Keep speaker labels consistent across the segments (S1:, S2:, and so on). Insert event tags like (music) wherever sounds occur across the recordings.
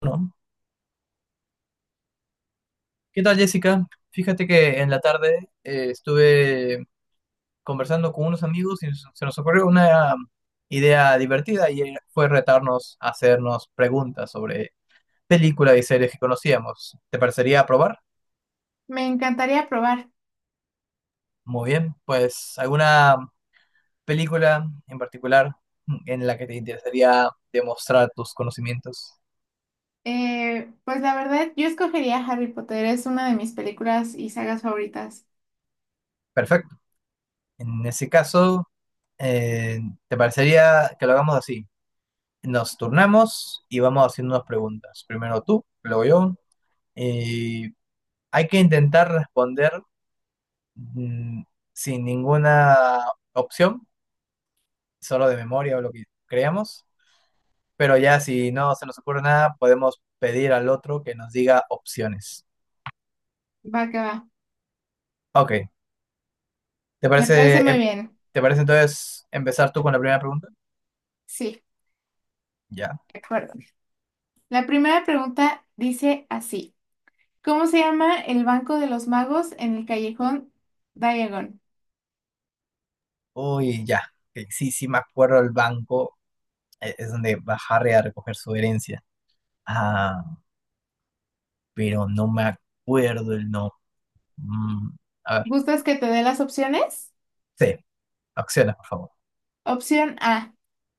S1: Bueno, ¿qué tal, Jessica? Fíjate que en la tarde estuve conversando con unos amigos y se nos ocurrió una idea divertida y fue retarnos a hacernos preguntas sobre películas y series que conocíamos. ¿Te parecería probar?
S2: Me encantaría probar.
S1: Muy bien, pues ¿alguna película en particular en la que te interesaría demostrar tus conocimientos?
S2: Pues la verdad, yo escogería Harry Potter. Es una de mis películas y sagas favoritas.
S1: Perfecto. En ese caso, eh, ¿te parecería que lo hagamos así? Nos turnamos y vamos haciendo unas preguntas. Primero tú, luego yo. Y hay que intentar responder mm, sin ninguna opción, solo de memoria o lo que creamos. Pero ya si no se nos ocurre nada, podemos pedir al otro que nos diga opciones.
S2: Va que va.
S1: Ok, ¿te
S2: Me parece
S1: parece,
S2: muy
S1: em-
S2: bien.
S1: te parece entonces empezar tú con la primera pregunta?
S2: Sí,
S1: Ya.
S2: de acuerdo. La primera pregunta dice así. ¿Cómo se llama el Banco de los Magos en el callejón Diagon?
S1: Uy, ya. Ok, sí, sí, me acuerdo el banco. Es donde va Harry a recoger su herencia. Ah, pero no me acuerdo el nombre. A ver,
S2: ¿Gustas que te dé las opciones?
S1: sí, acciones, por favor.
S2: Opción A,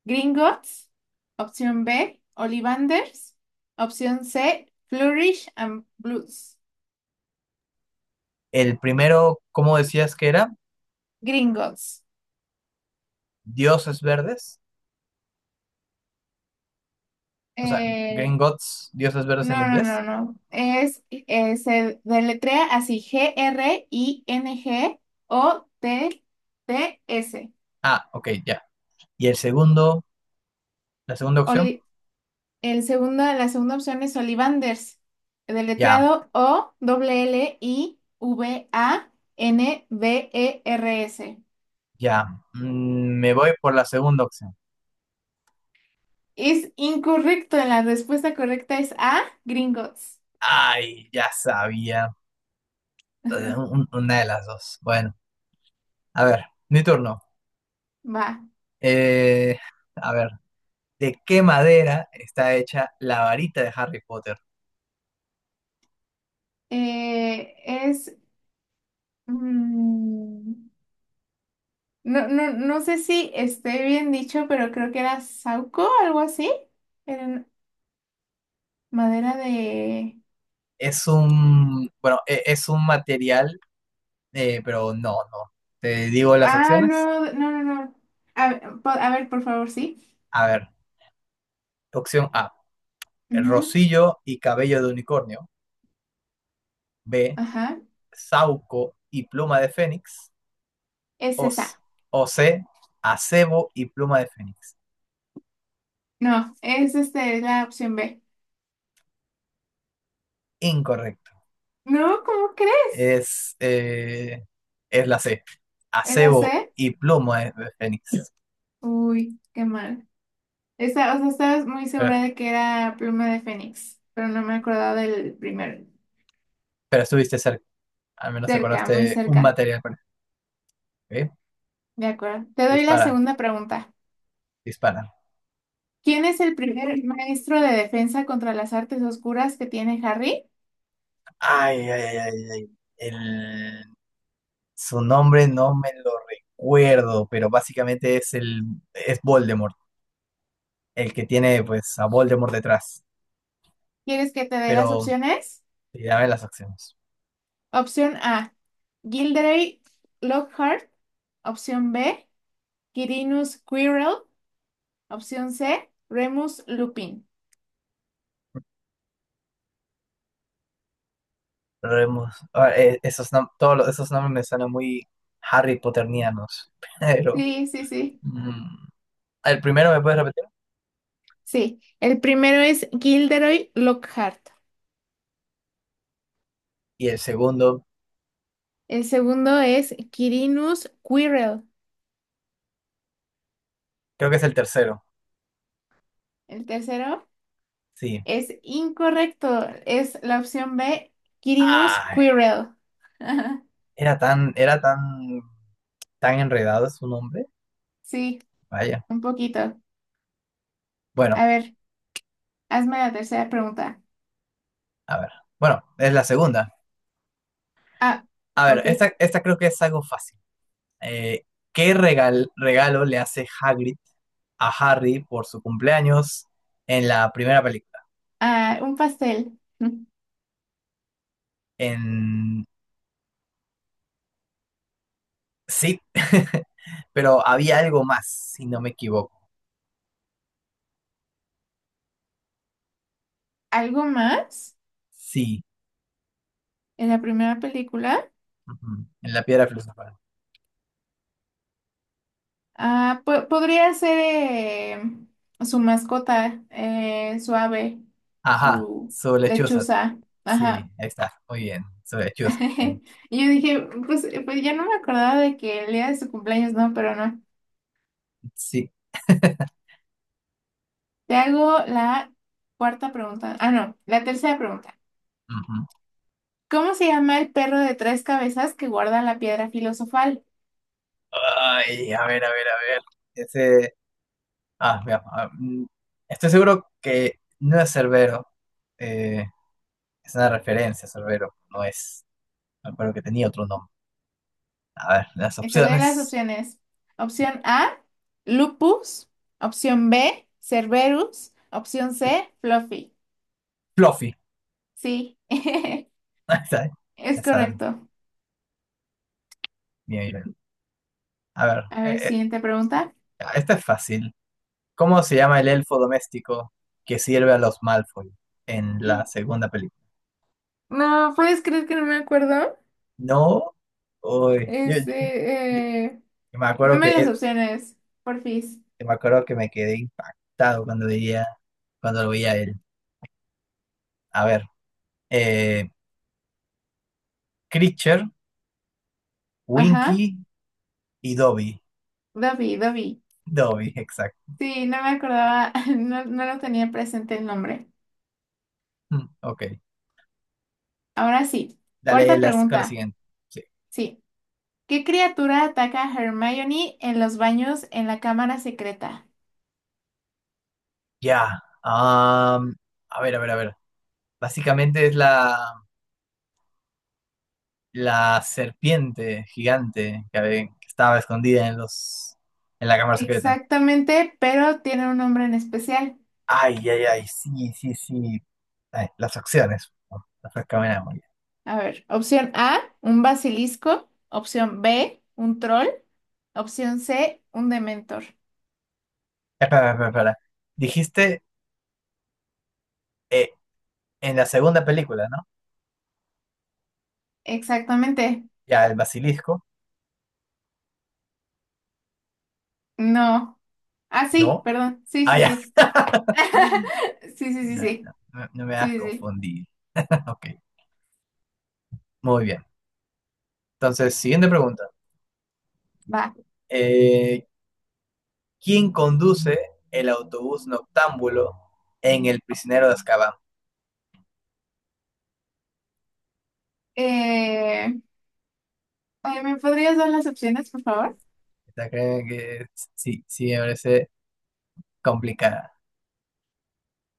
S2: Gringotts. Opción B, Ollivanders. Opción C, Flourish and Blues.
S1: El primero, ¿cómo decías que era?
S2: Gringotts.
S1: Dioses verdes, o sea, Green
S2: Eh,
S1: Gods, dioses verdes en
S2: No, no, no,
S1: inglés.
S2: no. Es, se deletrea así, G-R-I-N-G-O-T-T-S.
S1: Ah, ok, ya. Y el segundo, la segunda opción,
S2: Oli- el segundo, la segunda opción es Ollivanders,
S1: ya,
S2: deletreado o l l i v a n D e r s.
S1: ya. Me voy por la segunda opción.
S2: Es incorrecto, la respuesta correcta es A, Gringotts.
S1: Ay, ya sabía.
S2: (laughs)
S1: Una de las dos. Bueno, a ver, mi turno.
S2: Va.
S1: Eh, a ver, ¿de qué madera está hecha la varita de Harry Potter?
S2: Es... mm, No, no, no sé si esté bien dicho, pero creo que era Sauco, algo así. Era madera de...
S1: Es un, bueno, es un material, pero no, no. Te digo las
S2: Ah,
S1: opciones.
S2: no, no, no, no. A ver, por favor, sí.
S1: A ver, opción A, el
S2: Ujú.
S1: rocillo y cabello de unicornio. B,
S2: Ajá.
S1: sauco y pluma de fénix.
S2: Es
S1: O, s-
S2: esa.
S1: o C, acebo y pluma de fénix.
S2: No, es este, la opción B.
S1: Incorrecto.
S2: No, ¿cómo crees?
S1: Es, eh, es la C,
S2: ¿Es la
S1: acebo
S2: C?
S1: y pluma de fénix.
S2: Uy, qué mal. Esta, o sea, estaba muy
S1: Pero,
S2: segura de que era pluma de Fénix, pero no me acordaba del primero.
S1: pero estuviste cerca, al menos
S2: Cerca, muy
S1: acordaste un
S2: cerca.
S1: material. ¿Eh?
S2: De acuerdo. Te doy la
S1: Dispara,
S2: segunda pregunta.
S1: dispara.
S2: ¿Quién es el primer maestro de defensa contra las artes oscuras que tiene Harry?
S1: Ay, ay, ay, ay. El, su nombre no me lo recuerdo, pero básicamente es Voldemort, el que tiene pues a Voldemort detrás.
S2: ¿Quieres que te dé las
S1: Pero
S2: opciones?
S1: sí, dame las acciones.
S2: Opción A, Gilderoy Lockhart. Opción B, Quirinus Quirrell. Opción C, Remus Lupin.
S1: Esos nombres me suenan muy Harry Potternianos. (laughs) Pero
S2: Sí, sí, sí.
S1: mm, el primero me puedes repetir
S2: Sí, el primero es Gilderoy Lockhart.
S1: y el segundo
S2: El segundo es Quirinus Quirrell.
S1: creo que es el tercero.
S2: El tercero
S1: Sí.
S2: es incorrecto. Es la opción B, Quirinus
S1: Ay,
S2: Quirrell. (laughs)
S1: era tan enredado su nombre.
S2: Sí.
S1: Vaya.
S2: Un poquito.
S1: Bueno.
S2: A ver, hazme la tercera pregunta.
S1: A ver, bueno, es la segunda.
S2: Ah,
S1: A ver,
S2: ok.
S1: esta creo que es algo fácil. Eh, ¿Qué regalo le hace Hagrid a Harry por su cumpleaños en la primera película?
S2: Ah, un pastel. (laughs) Mm.
S1: En... Sí, (laughs) pero había algo más, si no me equivoco.
S2: ¿Algo más
S1: Sí,
S2: en la primera película?
S1: ujú, en la piedra filosofal.
S2: Ah, podría ser su mascota, su ave,
S1: Ajá,
S2: su
S1: su lechuza.
S2: lechuza.
S1: Sí,
S2: Ajá.
S1: ahí está, muy bien, su lechuza.
S2: (laughs) Y yo dije, pues ya no me acordaba de que el día de su cumpleaños, no, pero no.
S1: Sí.
S2: Te hago la cuarta pregunta. Ah, no, la tercera pregunta.
S1: Ujú.
S2: ¿Cómo se llama el perro de tres cabezas que guarda la piedra filosofal?
S1: Ay, a ver, a ver, a ver. Ese... Ah, vea, estoy seguro que no es Cerbero. eh, es una referencia a Cerbero, no es. Me acuerdo que tenía otro nombre. A ver, las
S2: Te doy las
S1: opciones.
S2: opciones.
S1: Sí,
S2: Opción A, Lupus. Opción B, Cerberus. Opción C, Fluffy.
S1: Fluffy.
S2: Sí, (laughs)
S1: (laughs) Ahí está, ¿eh?
S2: es
S1: Ya saben,
S2: correcto.
S1: mi nivel. A ver,
S2: A
S1: eh,
S2: ver,
S1: eh,
S2: siguiente pregunta.
S1: esta es fácil. ¿Cómo se llama el elfo doméstico que sirve a los Malfoy en la segunda película?
S2: No, ¿puedes creer que no me acuerdo?
S1: No. Uy, yo-
S2: Este, eh,
S1: yo me acuerdo que,
S2: Dame las
S1: eh,
S2: opciones, porfis.
S1: me acuerdo que me quedé impactado cuando lo veía a él. A ver. Eh, Creature,
S2: Ajá,
S1: Winky y Dobby.
S2: Dobby.
S1: Dobby, (laughs) exacto.
S2: Sí, no me acordaba, (laughs) no, no lo tenía presente el nombre.
S1: Ok.
S2: Ahora sí,
S1: Dale
S2: cuarta
S1: las, con la
S2: pregunta.
S1: siguiente. Sí.
S2: Sí. ¿Qué criatura ataca a Hermione en los baños en la cámara secreta?
S1: Ya. A ver, a ver, a ver. Básicamente es la serpiente gigante que estaba escondida en la cámara secreta.
S2: Exactamente, pero tiene un nombre en especial.
S1: Ay, ay, ay, sí, sí, sí. Ay, las acciones. No, las recaminamos ya.
S2: A ver, opción A, un basilisco. Opción B, un troll. Opción C, un dementor.
S1: Espera, espera, espera. Dijiste eh, en la segunda película, ¿no?
S2: Exactamente.
S1: Ya, el basilisco.
S2: No. Ah, sí,
S1: No.
S2: perdón. Sí,
S1: Ah,
S2: sí,
S1: ya.
S2: sí.
S1: (laughs)
S2: (laughs) Sí, sí, sí,
S1: Ya,
S2: sí.
S1: no, no me hagas
S2: Sí, sí, sí.
S1: confundir. (laughs) Ok, muy bien. Entonces, siguiente pregunta.
S2: Va.
S1: Eh, ¿quién conduce el autobús noctámbulo en El prisionero de Azkaban?
S2: Eh, Ay, ¿me podrías dar las opciones, por favor?
S1: Esta creo que sí, sí me parece complicada.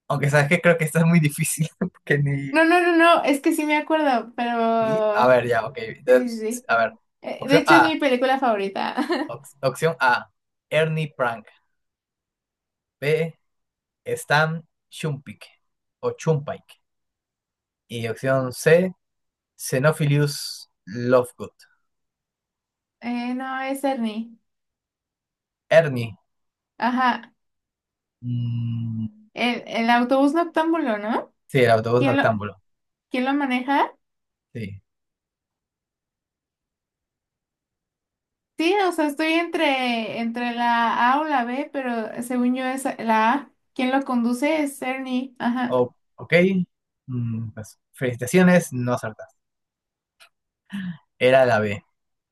S1: Aunque sabes que creo que esta es muy difícil. (laughs) porque ni...
S2: No, no, no, no. Es que sí me acuerdo,
S1: ¿Sí? A
S2: pero...
S1: ver, ya, ok.
S2: Sí, sí,
S1: Entonces,
S2: sí.
S1: a ver.
S2: De
S1: Opción
S2: hecho, es mi
S1: A.
S2: película favorita. (laughs)
S1: opción A. Ernie Prank. B. Stan Chumpike o Chumpike. Y opción C. Xenophilius Lovegood.
S2: No, es Ernie.
S1: Ernie.
S2: Ajá.
S1: mm,
S2: El autobús noctámbulo, ¿no?
S1: sí, el autobús
S2: ¿Quién lo,
S1: noctámbulo.
S2: ¿Quién lo maneja?
S1: Sí.
S2: Sí, o sea, entre la A o la B, pero según yo es la A. ¿Quién lo conduce? Es Ernie. Ajá.
S1: Ok. Pues, felicitaciones, no acertaste. Era la B.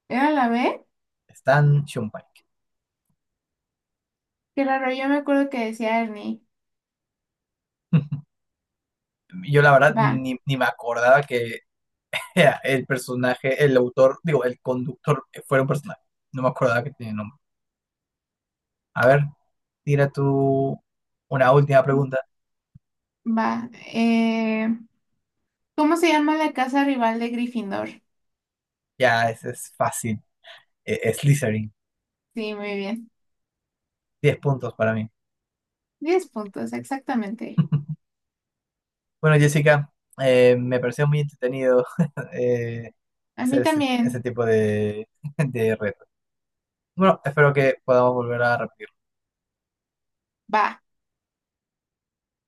S2: ¿Era la B?
S1: Stan Shumpike.
S2: Claro, yo me acuerdo que decía Ernie.
S1: (laughs) Yo la verdad
S2: Va,
S1: ni me acordaba que era el personaje, el autor, digo, el conductor fuera un personaje. No me acordaba que tenía nombre. A ver, tira tú una última pregunta.
S2: va. ¿Cómo se llama la casa rival de Gryffindor?
S1: Ya, ese es fácil. Es Slytherin.
S2: Sí, muy bien.
S1: 10 puntos para mí.
S2: 10 puntos, exactamente.
S1: (laughs) Bueno, Jessica, me pareció muy entretenido (laughs) eh,
S2: A
S1: hacer
S2: mí
S1: ese,
S2: también.
S1: ese tipo de, (laughs) de retos. Bueno, espero que podamos volver a repetir.
S2: Va.